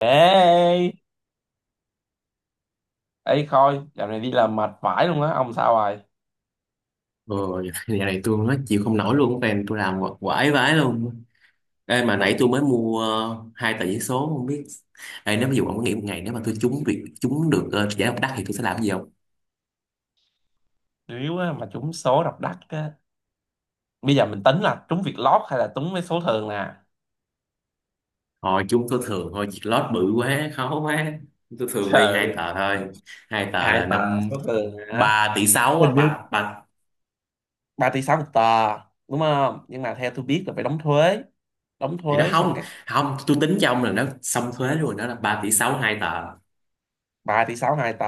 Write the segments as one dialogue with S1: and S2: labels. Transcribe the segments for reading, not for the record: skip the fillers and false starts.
S1: Ê, ê, Khôi, dạo này đi làm mệt vãi luôn á, ông sao rồi?
S2: Ờ. Nhà này tôi nói chịu không nổi luôn, fan tôi làm quải vãi luôn. Ê, mà nãy tôi mới mua hai tờ giấy số không biết. Ê, nếu ví dụ ông có nghĩ một ngày nếu mà tôi trúng được giải độc đắc thì tôi sẽ làm cái gì không?
S1: Điếu á, mà trúng số độc đắc á. Bây giờ mình tính là trúng việc lót hay là trúng mấy số thường nè?
S2: Thôi trúng tôi thường thôi, việc lót bự quá khó quá. Tôi thường đi hai
S1: Trời,
S2: tờ thôi. Hai tờ là
S1: hai tờ
S2: năm.
S1: số thường hả?
S2: Ba tỷ sáu
S1: Hình
S2: á,
S1: như
S2: ba ba.
S1: 3 tỷ 6 một tờ, đúng không? Nhưng mà theo tôi biết là phải đóng thuế. Đóng
S2: Thì nó
S1: thuế xong
S2: không,
S1: các
S2: không tôi tính cho ông là nó xong thuế luôn, đó là 3,6 tỷ hai tờ.
S1: 3 tỷ 6 hai tờ.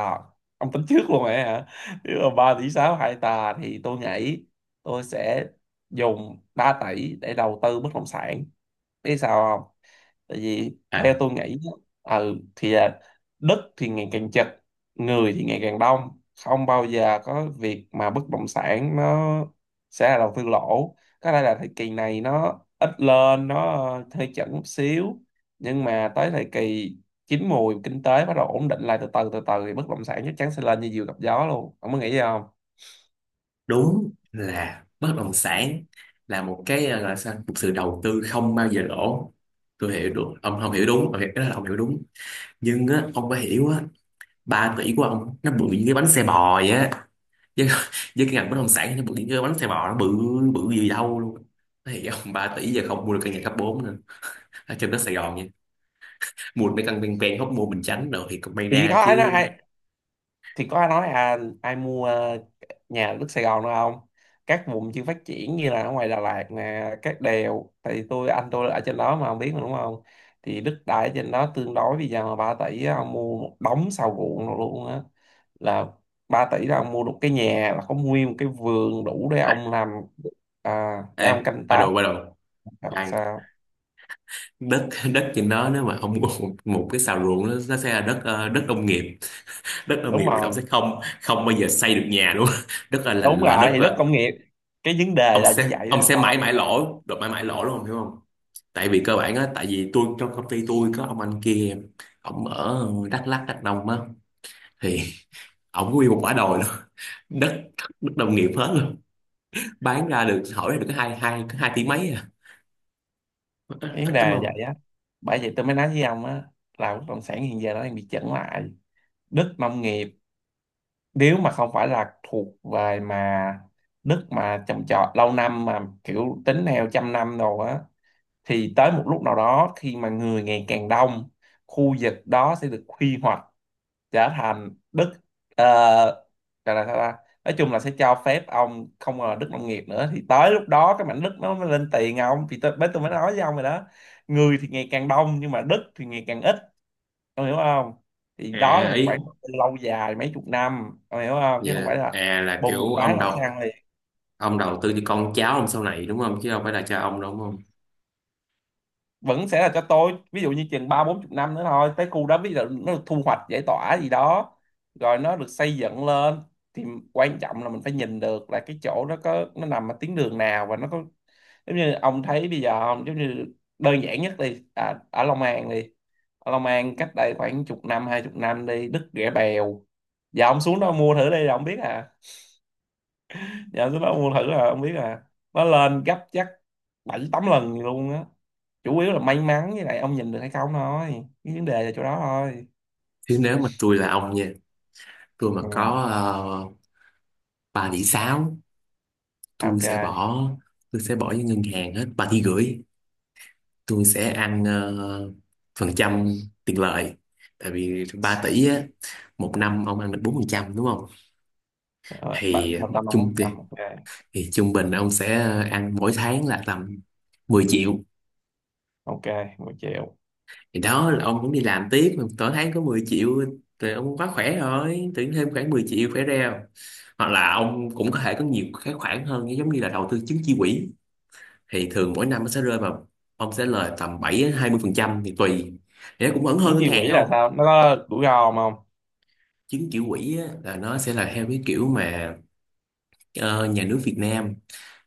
S1: Ông tính trước luôn rồi hả? Nếu mà 3 tỷ 6 hai tờ thì tôi nghĩ tôi sẽ dùng 3 tỷ để đầu tư bất động sản. Biết sao không? Tại vì theo tôi nghĩ á, thì là đất thì ngày càng chật, người thì ngày càng đông, không bao giờ có việc mà bất động sản nó sẽ là đầu tư lỗ. Có lẽ là thời kỳ này nó ít lên, nó hơi chậm một xíu, nhưng mà tới thời kỳ chín mùi kinh tế bắt đầu ổn định lại từ từ thì bất động sản chắc chắn sẽ lên như diều gặp gió luôn, ông có nghĩ gì không?
S2: Đúng là bất động sản là một cái gọi là sao, một sự đầu tư không bao giờ lỗ. Tôi hiểu được ông không hiểu đúng, ông hiểu, cái đó là ông hiểu đúng. Nhưng á, ông phải hiểu á, 3 tỷ của ông nó bự như cái bánh xe bò vậy á. Với, với cái ngành bất động sản nó bự như cái bánh xe bò, nó bự, bự gì đâu luôn. Thì ông 3 tỷ giờ không mua được căn nhà cấp 4 nữa ở trên đất Sài Gòn nha. Mua được mấy căn ven ven Hóc Môn Bình Chánh rồi thì cũng may
S1: Thì
S2: ra
S1: đó
S2: chứ.
S1: nói, thì có ai nói à, ai mua nhà ở đất Sài Gòn nữa không? Các vùng chưa phát triển như là ở ngoài Đà Lạt nè, các đèo, thì anh tôi ở trên đó mà không biết mà, đúng không? Thì đất đai ở trên đó tương đối, bây giờ mà 3 tỷ á, ông mua một đống sau ruộng rồi luôn á. Là 3 tỷ là ông mua được cái nhà, là có nguyên một cái vườn đủ để
S2: À,
S1: ông làm, để
S2: ê,
S1: ông canh
S2: ba
S1: tác
S2: đồ ba đồ,
S1: hoặc
S2: khoan.
S1: sao.
S2: Đất đất trên đó nếu mà ông một, một cái xào ruộng nó sẽ là đất đất nông nghiệp. Đất nông
S1: Đúng
S2: nghiệp thì ông
S1: rồi,
S2: sẽ không không bao giờ xây được nhà luôn. Đất
S1: đúng
S2: là
S1: rồi,
S2: đất
S1: thì đất
S2: là
S1: công nghiệp, cái vấn đề
S2: ông
S1: là như
S2: sẽ
S1: vậy đó
S2: ông sẽ mãi
S1: thôi.
S2: mãi lỗ được, mãi mãi lỗ luôn, ông hiểu không? Tại vì cơ bản á, tại vì tôi trong công ty tôi có ông anh kia, ông ở Đắk Lắk Đắk Nông á. Thì ông nguyên một quả đồi luôn. đất đất nông nghiệp hết luôn. Bán ra được, hỏi ra được cái hai hai cái hai tỷ mấy à, ít,
S1: Cái vấn
S2: ít đúng
S1: đề là
S2: không?
S1: vậy á. Bởi vậy tôi mới nói với ông á, là bất động sản hiện giờ nó đang bị chững lại. Đất nông nghiệp nếu mà không phải là thuộc về mà đất mà trồng trọt lâu năm mà kiểu tính theo trăm năm rồi á, thì tới một lúc nào đó khi mà người ngày càng đông, khu vực đó sẽ được quy hoạch trở thành đất, ờ, gọi là sao ta, nói chung là sẽ cho phép ông không còn là đất nông nghiệp nữa, thì tới lúc đó cái mảnh đất nó mới lên tiền ông, thì tôi mới nói với ông rồi đó. Người thì ngày càng đông nhưng mà đất thì ngày càng ít, ông hiểu không? Thì đó là
S2: À
S1: một
S2: ý
S1: khoảng đầu tư lâu dài mấy chục năm, ông hiểu không, chứ
S2: vậy
S1: không
S2: là,
S1: phải là
S2: à là
S1: bùng một
S2: kiểu
S1: cái là ông sang liền.
S2: ông đầu tư cho con cháu ông sau này đúng không, chứ không phải là cho ông đâu đúng không?
S1: Vẫn sẽ là cho tôi, ví dụ như chừng ba bốn chục năm nữa thôi, tới khu đó ví dụ nó được thu hoạch giải tỏa gì đó rồi nó được xây dựng lên, thì quan trọng là mình phải nhìn được là cái chỗ nó có, nó nằm ở tuyến đường nào và nó có giống như ông thấy bây giờ không. Giống như đơn giản nhất đi, à, ở Long An đi. Ở Long An cách đây khoảng chục năm hai chục năm đi đứt Rẻ Bèo, giờ ông xuống đó mua thử đi là ông biết à, giờ ông xuống đó mua thử là ông biết à. Nó lên gấp chắc bảy tám lần luôn á. Chủ yếu là may mắn với lại ông nhìn được hay không thôi, cái vấn đề là chỗ đó thôi.
S2: Chứ nếu mà tôi là ông nha, tôi mà
S1: Ừ.
S2: có 3 tỷ 6,
S1: À,
S2: tôi
S1: ok.
S2: sẽ bỏ tôi sẽ bỏ với ngân hàng hết 3,5 tỷ. Tôi sẽ ăn phần trăm tiền lợi. Tại vì 3 tỷ á, một năm ông ăn được 4% đúng không?
S1: Ờ, bạn
S2: thì
S1: một trăm năm
S2: trung
S1: bốn trăm,
S2: thì,
S1: ok.
S2: thì trung bình ông sẽ ăn mỗi tháng là tầm 10 triệu.
S1: Ok, một triệu.
S2: Thì đó là ông cũng đi làm tiếp mà mỗi tháng có 10 triệu rồi, ông quá khỏe rồi, tự nhiên thêm khoảng 10 triệu khỏe reo. Hoặc là ông cũng có thể có nhiều cái khoản hơn, giống như là đầu tư chứng chỉ quỹ. Thì thường mỗi năm nó sẽ rơi vào, ông sẽ lời tầm 7 đến 20% thì tùy. Thì nó cũng vẫn hơn
S1: Chứng
S2: ngân
S1: chỉ quỹ
S2: hàng
S1: là
S2: không?
S1: sao, nó có rủi ro không không?
S2: Chứng chỉ quỹ á, là nó sẽ là theo cái kiểu mà ờ, nhà nước Việt Nam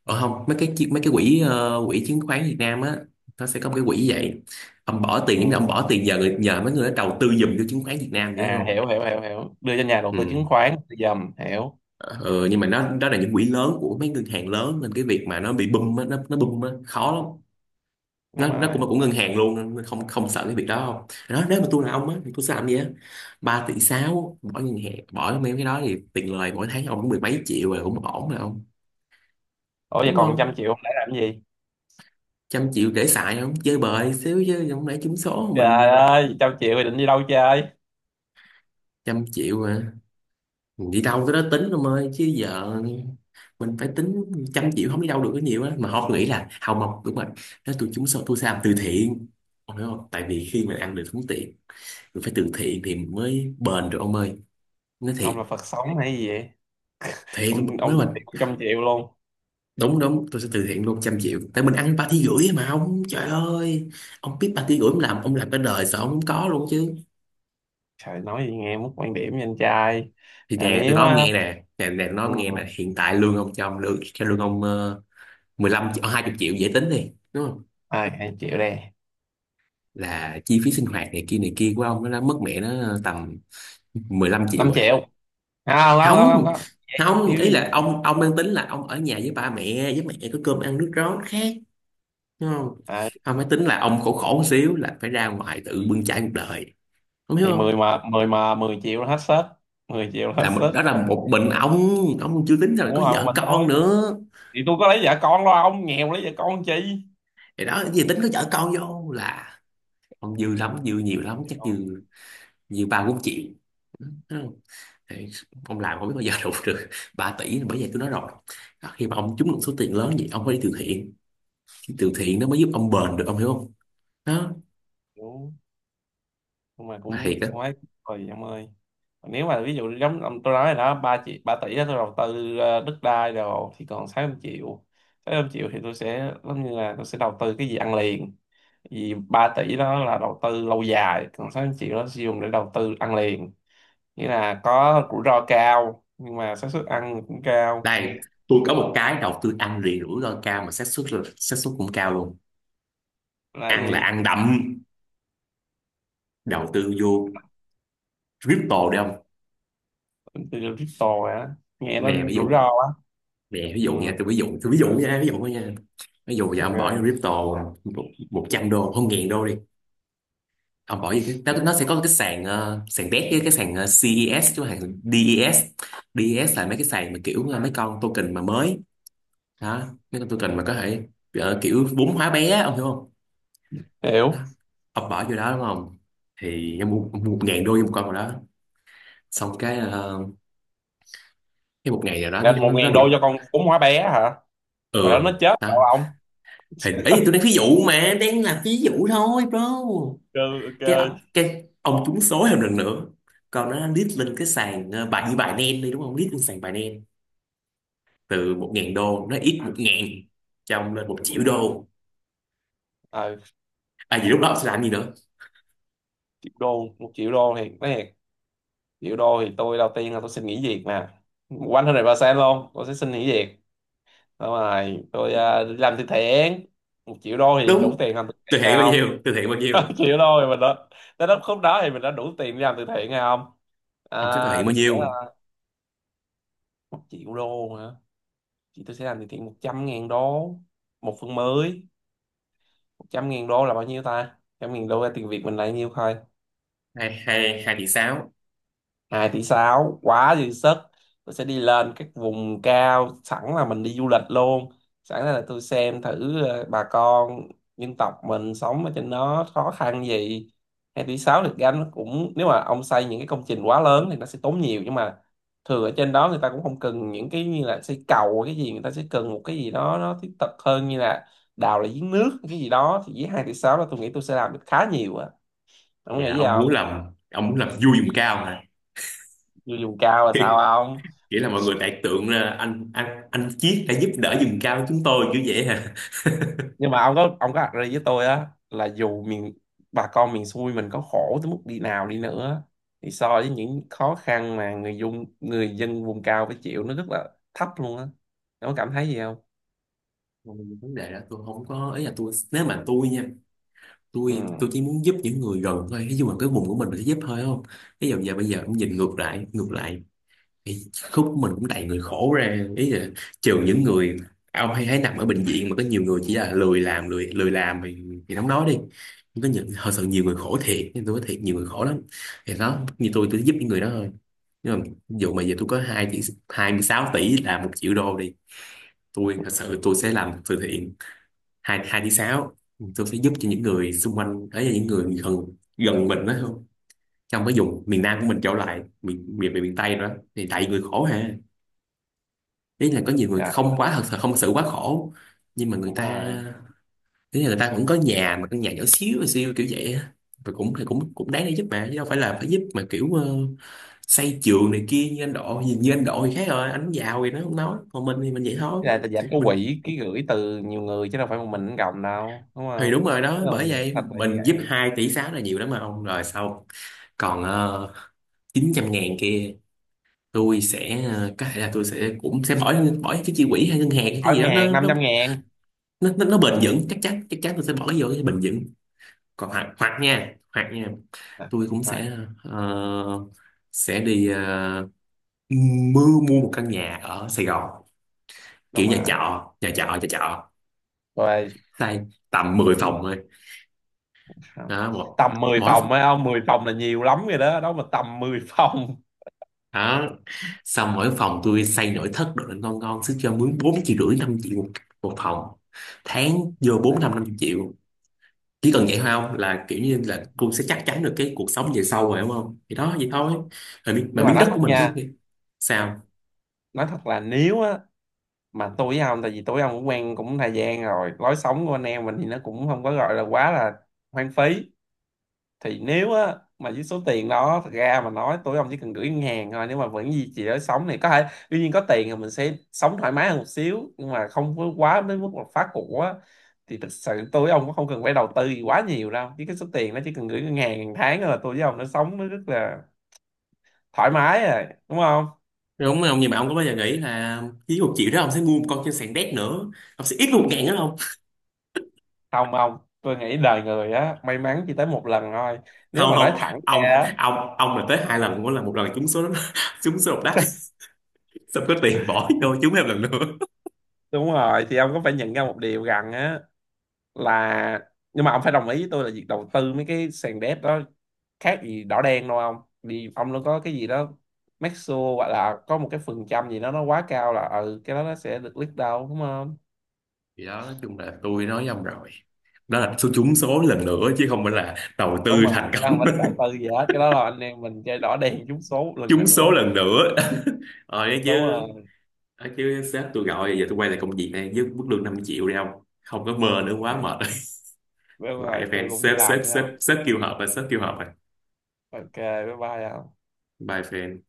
S2: ở không mấy cái mấy cái quỹ quỹ chứng khoán Việt Nam á. Nó sẽ có một cái quỹ như vậy. Ông bỏ tiền giống như
S1: Ừ.
S2: ông bỏ tiền nhờ người, nhờ mấy người đó đầu tư giùm cho chứng khoán Việt Nam vậy hiểu
S1: À,
S2: không?
S1: hiểu hiểu hiểu hiểu, đưa cho nhà đầu tư chứng
S2: Ừ.
S1: khoán dầm, hiểu.
S2: Ờ, nhưng mà nó đó là những quỹ lớn của mấy ngân hàng lớn, nên cái việc mà nó bị bung á, nó bung á, khó lắm. nó
S1: Đúng
S2: nó cũng
S1: rồi.
S2: là của ngân hàng luôn, nó không không sợ cái việc đó không. Đó nếu mà tôi là ông á, thì tôi sẽ làm gì á? 3,6 tỷ bỏ ngân hàng, bỏ mấy cái đó thì tiền lời mỗi tháng ông cũng 10 mấy triệu rồi, cũng ổn rồi ông.
S1: Ủa vậy
S2: Đúng
S1: còn trăm
S2: không?
S1: triệu ông để làm cái gì?
S2: 100 triệu để xài không, chơi bời xíu chứ không lẽ trúng số
S1: Trời
S2: mình.
S1: ơi trăm triệu thì định đi đâu chơi?
S2: 100 triệu mà mình đi đâu tới đó tính ông ơi, chứ giờ mình phải tính. 100 triệu không đi đâu được, có nhiều á mà họ nghĩ là hào mộc đúng rồi. Nếu tôi trúng số tôi sẽ làm từ thiện, ông hiểu không? Tại vì khi mình ăn được sống tiền, mình phải từ thiện thì mình mới bền được ông ơi, nói thiệt.
S1: Ông là Phật sống hay gì vậy?
S2: Thiệt.
S1: Ông
S2: Nếu
S1: được
S2: mà
S1: tiền một trăm triệu luôn.
S2: đúng đúng, tôi sẽ từ thiện luôn 100 triệu, tại mình ăn ba tí rưỡi mà ông, trời ơi. Ông biết ba tí rưỡi ông làm, ông làm cả đời sao ông không có luôn chứ.
S1: Trời, nói gì nghe mất quan điểm với anh trai.
S2: Thì
S1: À,
S2: nè tôi
S1: nếu
S2: nói ông
S1: á,
S2: nghe nè, nè nè tôi nói
S1: ừ,
S2: ông nghe nè, hiện tại lương ông cho ông lương cho lương ông 15 triệu 20 triệu dễ tính đi đúng không?
S1: ai hai triệu đây.
S2: Là chi phí sinh hoạt này kia của ông nó đã mất mẹ nó tầm 15 triệu
S1: Năm
S2: rồi.
S1: triệu. Không không không
S2: Không
S1: không không.
S2: không,
S1: Thiếu
S2: ý là
S1: gì.
S2: ông đang tính là ông ở nhà với ba mẹ, với mẹ có cơm ăn nước rót khác, đúng không?
S1: À,
S2: Không phải tính là ông khổ, khổ một xíu là phải ra ngoài tự bươn chải cuộc đời, ông hiểu
S1: thì mười
S2: không?
S1: mà mười mà mười triệu là hết sét. Mười triệu là hết
S2: Là một,
S1: sét.
S2: đó là một mình ông chưa tính ra là
S1: Muốn
S2: có
S1: không
S2: vợ
S1: mình
S2: con
S1: thôi.
S2: nữa.
S1: Thì tôi có lấy vợ con, lo ông nghèo lấy vợ con chi.
S2: Thì đó cái gì tính có vợ con vô là ông dư lắm, dư nhiều lắm
S1: Vợ
S2: chắc,
S1: con.
S2: dư, dư 3 - 4 triệu. Đúng không? Thì ông làm không biết bao giờ đủ được 3 tỷ, bởi vậy tôi nói rồi. Đó, khi mà ông trúng được số tiền lớn vậy ông phải đi từ thiện. Cái từ thiện nó mới giúp ông bền được, ông hiểu không? Đó,
S1: Đúng, nhưng mà
S2: mà thiệt
S1: cũng
S2: đó.
S1: quá. Rồi em ơi, nếu mà ví dụ tôi nói rồi đó, ba triệu ba tỷ đó tôi đầu tư đất đai rồi thì còn sáu trăm triệu. Sáu trăm triệu thì tôi sẽ giống như là tôi sẽ đầu tư cái gì ăn liền. Vì 3 tỷ đó là đầu tư lâu dài, còn 600 triệu đó sử dụng để đầu tư ăn liền, nghĩa là có rủi ro cao nhưng mà xác suất ăn cũng cao.
S2: Đây, tôi có một cái đầu tư ăn liền rủi ro cao mà xác suất là xác suất cũng cao luôn.
S1: Là cái
S2: Ăn là
S1: gì?
S2: ăn đậm. Đầu tư vô crypto đi ông.
S1: Từ crypto hả? Nghe nó
S2: Nè ví
S1: rủi
S2: dụ,
S1: ro quá.
S2: nè ví dụ
S1: Ừ,
S2: nha, tôi ví dụ, tôi ví dụ nha, ví dụ thôi nha. Ví dụ giờ ông bỏ vô
S1: ok.
S2: crypto một, trăm đô không ngàn đô đi. Ông bỏ vô cái nó sẽ có cái sàn sàn đét với cái sàn CES chứ hàng DES. DES là mấy cái sàn mà kiểu là mấy con token mà mới. Đó, mấy con token mà có thể kiểu vốn hóa bé á, ông hiểu không? Đó,
S1: Hiểu.
S2: ông bỏ vô đó đúng không? Thì ông mua, mua 1000 đô vô một con vào đó. Xong cái cái một ngày nào đó
S1: Là
S2: nó,
S1: một
S2: nó
S1: ngàn
S2: được.
S1: đô cho con cún hóa bé hả? Rồi đó
S2: Ừ.
S1: nó chết sao
S2: Đó,
S1: ông.
S2: hình ấy tôi đang ví dụ, mà đang là ví dụ thôi bro.
S1: Ok ok.
S2: cái cái ông trúng số thêm lần nữa. Còn nó lít lên cái sàn bài như bài nen đi đúng không, lít lên sàn bài nen. Từ 1000 đô nó ít một ngàn, trong lên 1 triệu đô.
S1: Ờ,
S2: À vậy lúc đó ông sẽ làm gì nữa?
S1: triệu đô, một triệu đô thì nói thiệt, triệu đô thì tôi đầu tiên là tôi xin nghỉ việc mà, quanh hơn này ba sen luôn, tôi sẽ xin nghỉ việc. Xong rồi tôi đi làm từ thiện. Một triệu đô thì đủ
S2: Đúng,
S1: tiền làm từ
S2: từ
S1: thiện hay
S2: thiện bao
S1: không?
S2: nhiêu, từ thiện bao nhiêu?
S1: Chịu thôi. Mình đã tới lúc khúc đó thì mình đã đủ tiền để làm từ thiện hay không?
S2: Ông sẽ từ
S1: à,
S2: thiện bao
S1: tôi sẽ,
S2: nhiêu?
S1: một triệu đô hả, thì tôi sẽ làm từ thiện 100 ngàn đô. Một phần mới. Trăm ngàn đô là bao nhiêu ta? 100 ngàn đô ra tiền Việt mình là nhiêu thôi.
S2: Hai hai 2,6 tỷ.
S1: Hai tỷ 6 quá dư sức. Tôi sẽ đi lên các vùng cao, sẵn là mình đi du lịch luôn, sẵn là tôi xem thử bà con dân tộc mình sống ở trên đó khó khăn gì. 2 tỷ 6 được gánh nó cũng, nếu mà ông xây những cái công trình quá lớn thì nó sẽ tốn nhiều, nhưng mà thường ở trên đó người ta cũng không cần những cái như là xây cầu hay cái gì, người ta sẽ cần một cái gì đó nó thiết thực hơn, như là đào lại giếng nước cái gì đó, thì với 2 tỷ 6 đó tôi nghĩ tôi sẽ làm được khá nhiều á. Ông
S2: Vậy
S1: nghĩ
S2: là
S1: gì
S2: ông muốn
S1: không?
S2: làm ông muốn làm vui vùng cao mà.
S1: Người vùng cao là sao?
S2: Nghĩa là mọi người đại tượng ra anh Chiết đã giúp đỡ vùng cao chúng tôi kiểu vậy.
S1: Nhưng mà ông có đặt với tôi á, là dù miền, bà con miền xuôi mình có khổ tới mức đi nào đi nữa thì so với những khó khăn mà người dân vùng cao phải chịu nó rất là thấp luôn á. Nó cảm thấy gì không?
S2: Còn vấn đề đó tôi không có ý là tôi, nếu mà tôi nha,
S1: Ừ.
S2: tôi chỉ muốn giúp những người gần thôi. Ví dụ mà cái vùng của mình sẽ giúp thôi không. Ví dụ giờ bây giờ cũng nhìn ngược lại thì khúc của mình cũng đầy người khổ ra. Ý là trừ những người ông hay thấy nằm ở bệnh viện mà có nhiều người chỉ là lười làm, lười lười làm thì không nói đi. Nhưng có những thật sự nhiều người khổ thiệt, nên tôi nói thiệt nhiều người khổ lắm. Thì đó, như tôi giúp những người đó thôi. Nhưng mà ví dụ mà giờ tôi có 2 tỷ, 26 tỷ là 1 triệu đô đi, tôi thật sự tôi sẽ làm từ thiện hai hai tiếng sáu, tôi sẽ giúp cho những người xung quanh ấy, là những người gần, gần mình đó không. Trong cái vùng miền Nam của mình trở lại miền miền miền, Tây nữa, thì tại vì người khổ ha. Ý là có nhiều người
S1: Trời.
S2: không quá thật sự, không thật sự quá khổ, nhưng mà người
S1: Đúng
S2: ta,
S1: rồi.
S2: ý là người ta cũng có nhà mà căn nhà nhỏ xíu xíu kiểu vậy á. Rồi cũng thì cũng cũng đáng để giúp mà, chứ đâu phải là phải giúp mà kiểu xây trường này kia như anh Độ. Nhìn như anh Độ thì khác rồi, anh giàu thì nó không nói, còn mình thì mình vậy thôi.
S1: Cái này là dẫn có
S2: Mình
S1: quỹ ký gửi từ nhiều người chứ đâu phải một mình nó gồng đâu, đúng
S2: thì đúng
S1: không?
S2: rồi đó,
S1: Tức là
S2: bởi
S1: mình
S2: vậy
S1: thật là như
S2: mình giúp
S1: vậy.
S2: 2,6 tỷ là nhiều lắm mà ông rồi sau. Còn uh, 900 ngàn kia tôi sẽ có thể là tôi sẽ cũng sẽ bỏ bỏ cái chi quỹ hay ngân hàng hay cái
S1: Hỏi
S2: gì
S1: ngân
S2: đó
S1: hàng năm trăm ngàn.
S2: nó, nó bền
S1: Ừ.
S2: vững chắc chắn, chắc chắn tôi sẽ bỏ cái vô cái bền vững. Còn hoặc hoặc nha, hoặc nha
S1: À.
S2: tôi cũng
S1: À,
S2: sẽ ờ, sẽ đi mua, mua một căn nhà ở Sài Gòn,
S1: đúng
S2: kiểu nhà
S1: rồi.
S2: trọ nhà trọ nhà trọ.
S1: Rồi.
S2: Xây tầm 10 phòng thôi.
S1: À,
S2: Đó một,
S1: tầm 10
S2: mỗi,
S1: phòng ấy ông. 10 phòng là nhiều lắm rồi đó. Đó mà tầm 10 phòng.
S2: đó xong mỗi phòng tôi xây nội thất đồ lên ngon ngon sức, cho mướn 4,5 triệu 5 triệu một, một phòng tháng
S1: Đúng
S2: vô
S1: rồi
S2: bốn
S1: bạn.
S2: năm, năm triệu. Chỉ cần vậy thôi không, là kiểu như là cô sẽ chắc chắn được cái cuộc sống về sau rồi đúng không, thì đó vậy thôi. Rồi, mà
S1: Nhưng mà
S2: miếng
S1: nói
S2: đất
S1: thật
S2: của mình.
S1: nha,
S2: Sao
S1: nói thật là nếu á, mà tôi với ông, tại vì tôi với ông cũng quen cũng thời gian rồi, lối sống của anh em mình thì nó cũng không có gọi là quá là hoang phí, thì nếu á mà với số tiền đó, thật ra mà nói tôi với ông chỉ cần gửi ngân hàng thôi, nếu mà vẫn duy trì lối sống này có thể, tuy nhiên có tiền thì mình sẽ sống thoải mái hơn một xíu nhưng mà không có quá đến mức là phá cục á. Thì thực sự tôi với ông cũng không cần phải đầu tư gì quá nhiều đâu, chứ cái số tiền nó chỉ cần gửi ngân hàng hàng tháng là tôi với ông nó sống nó rất là thoải mái rồi, đúng không?
S2: đúng không, nhưng mà ông có bao giờ nghĩ là với 1 triệu đó ông sẽ mua một con trên sàn đét nữa, ông sẽ ít 1000 nữa không?
S1: Không, không, tôi nghĩ đời người á may mắn chỉ tới một lần thôi, nếu
S2: Không
S1: mà nói
S2: không,
S1: thẳng ra
S2: ông
S1: á.
S2: ông ông mà tới 2 lần, mỗi lần một lần trúng số. Đó, trúng số độc đắc, xong có tiền bỏ vô trúng thêm lần nữa.
S1: Đúng rồi. Thì ông có phải nhận ra một điều rằng á, là nhưng mà ông phải đồng ý với tôi là việc đầu tư mấy cái sàn đép đó khác gì đỏ đen đâu không. Thì ông nó có cái gì đó make sure hoặc là có một cái phần trăm gì đó nó quá cao là ừ cái đó nó sẽ được lít đâu, đúng không?
S2: Thì đó nói chung là tôi nói với ông rồi, đó là số trúng số lần nữa chứ không phải là đầu
S1: Đúng
S2: tư
S1: rồi,
S2: thành
S1: cái đó không
S2: công.
S1: phải là đầu tư gì hết, cái đó là anh em mình chơi đỏ đen trúng số một lần
S2: Trúng số
S1: nữa.
S2: lần nữa. Ờ đấy
S1: Đúng
S2: chứ,
S1: rồi.
S2: đấy chứ sếp tôi gọi giờ tôi quay lại công việc này với mức lương 5 triệu đi không. Không có mơ nữa, quá mệt.
S1: Đúng
S2: Rồi
S1: rồi,
S2: bye fan,
S1: tôi cũng đi
S2: sếp
S1: làm
S2: sếp
S1: thấy
S2: sếp
S1: không.
S2: sếp kêu họp rồi, sếp kêu họp rồi.
S1: Ok. Bye bye không.
S2: Bye fan.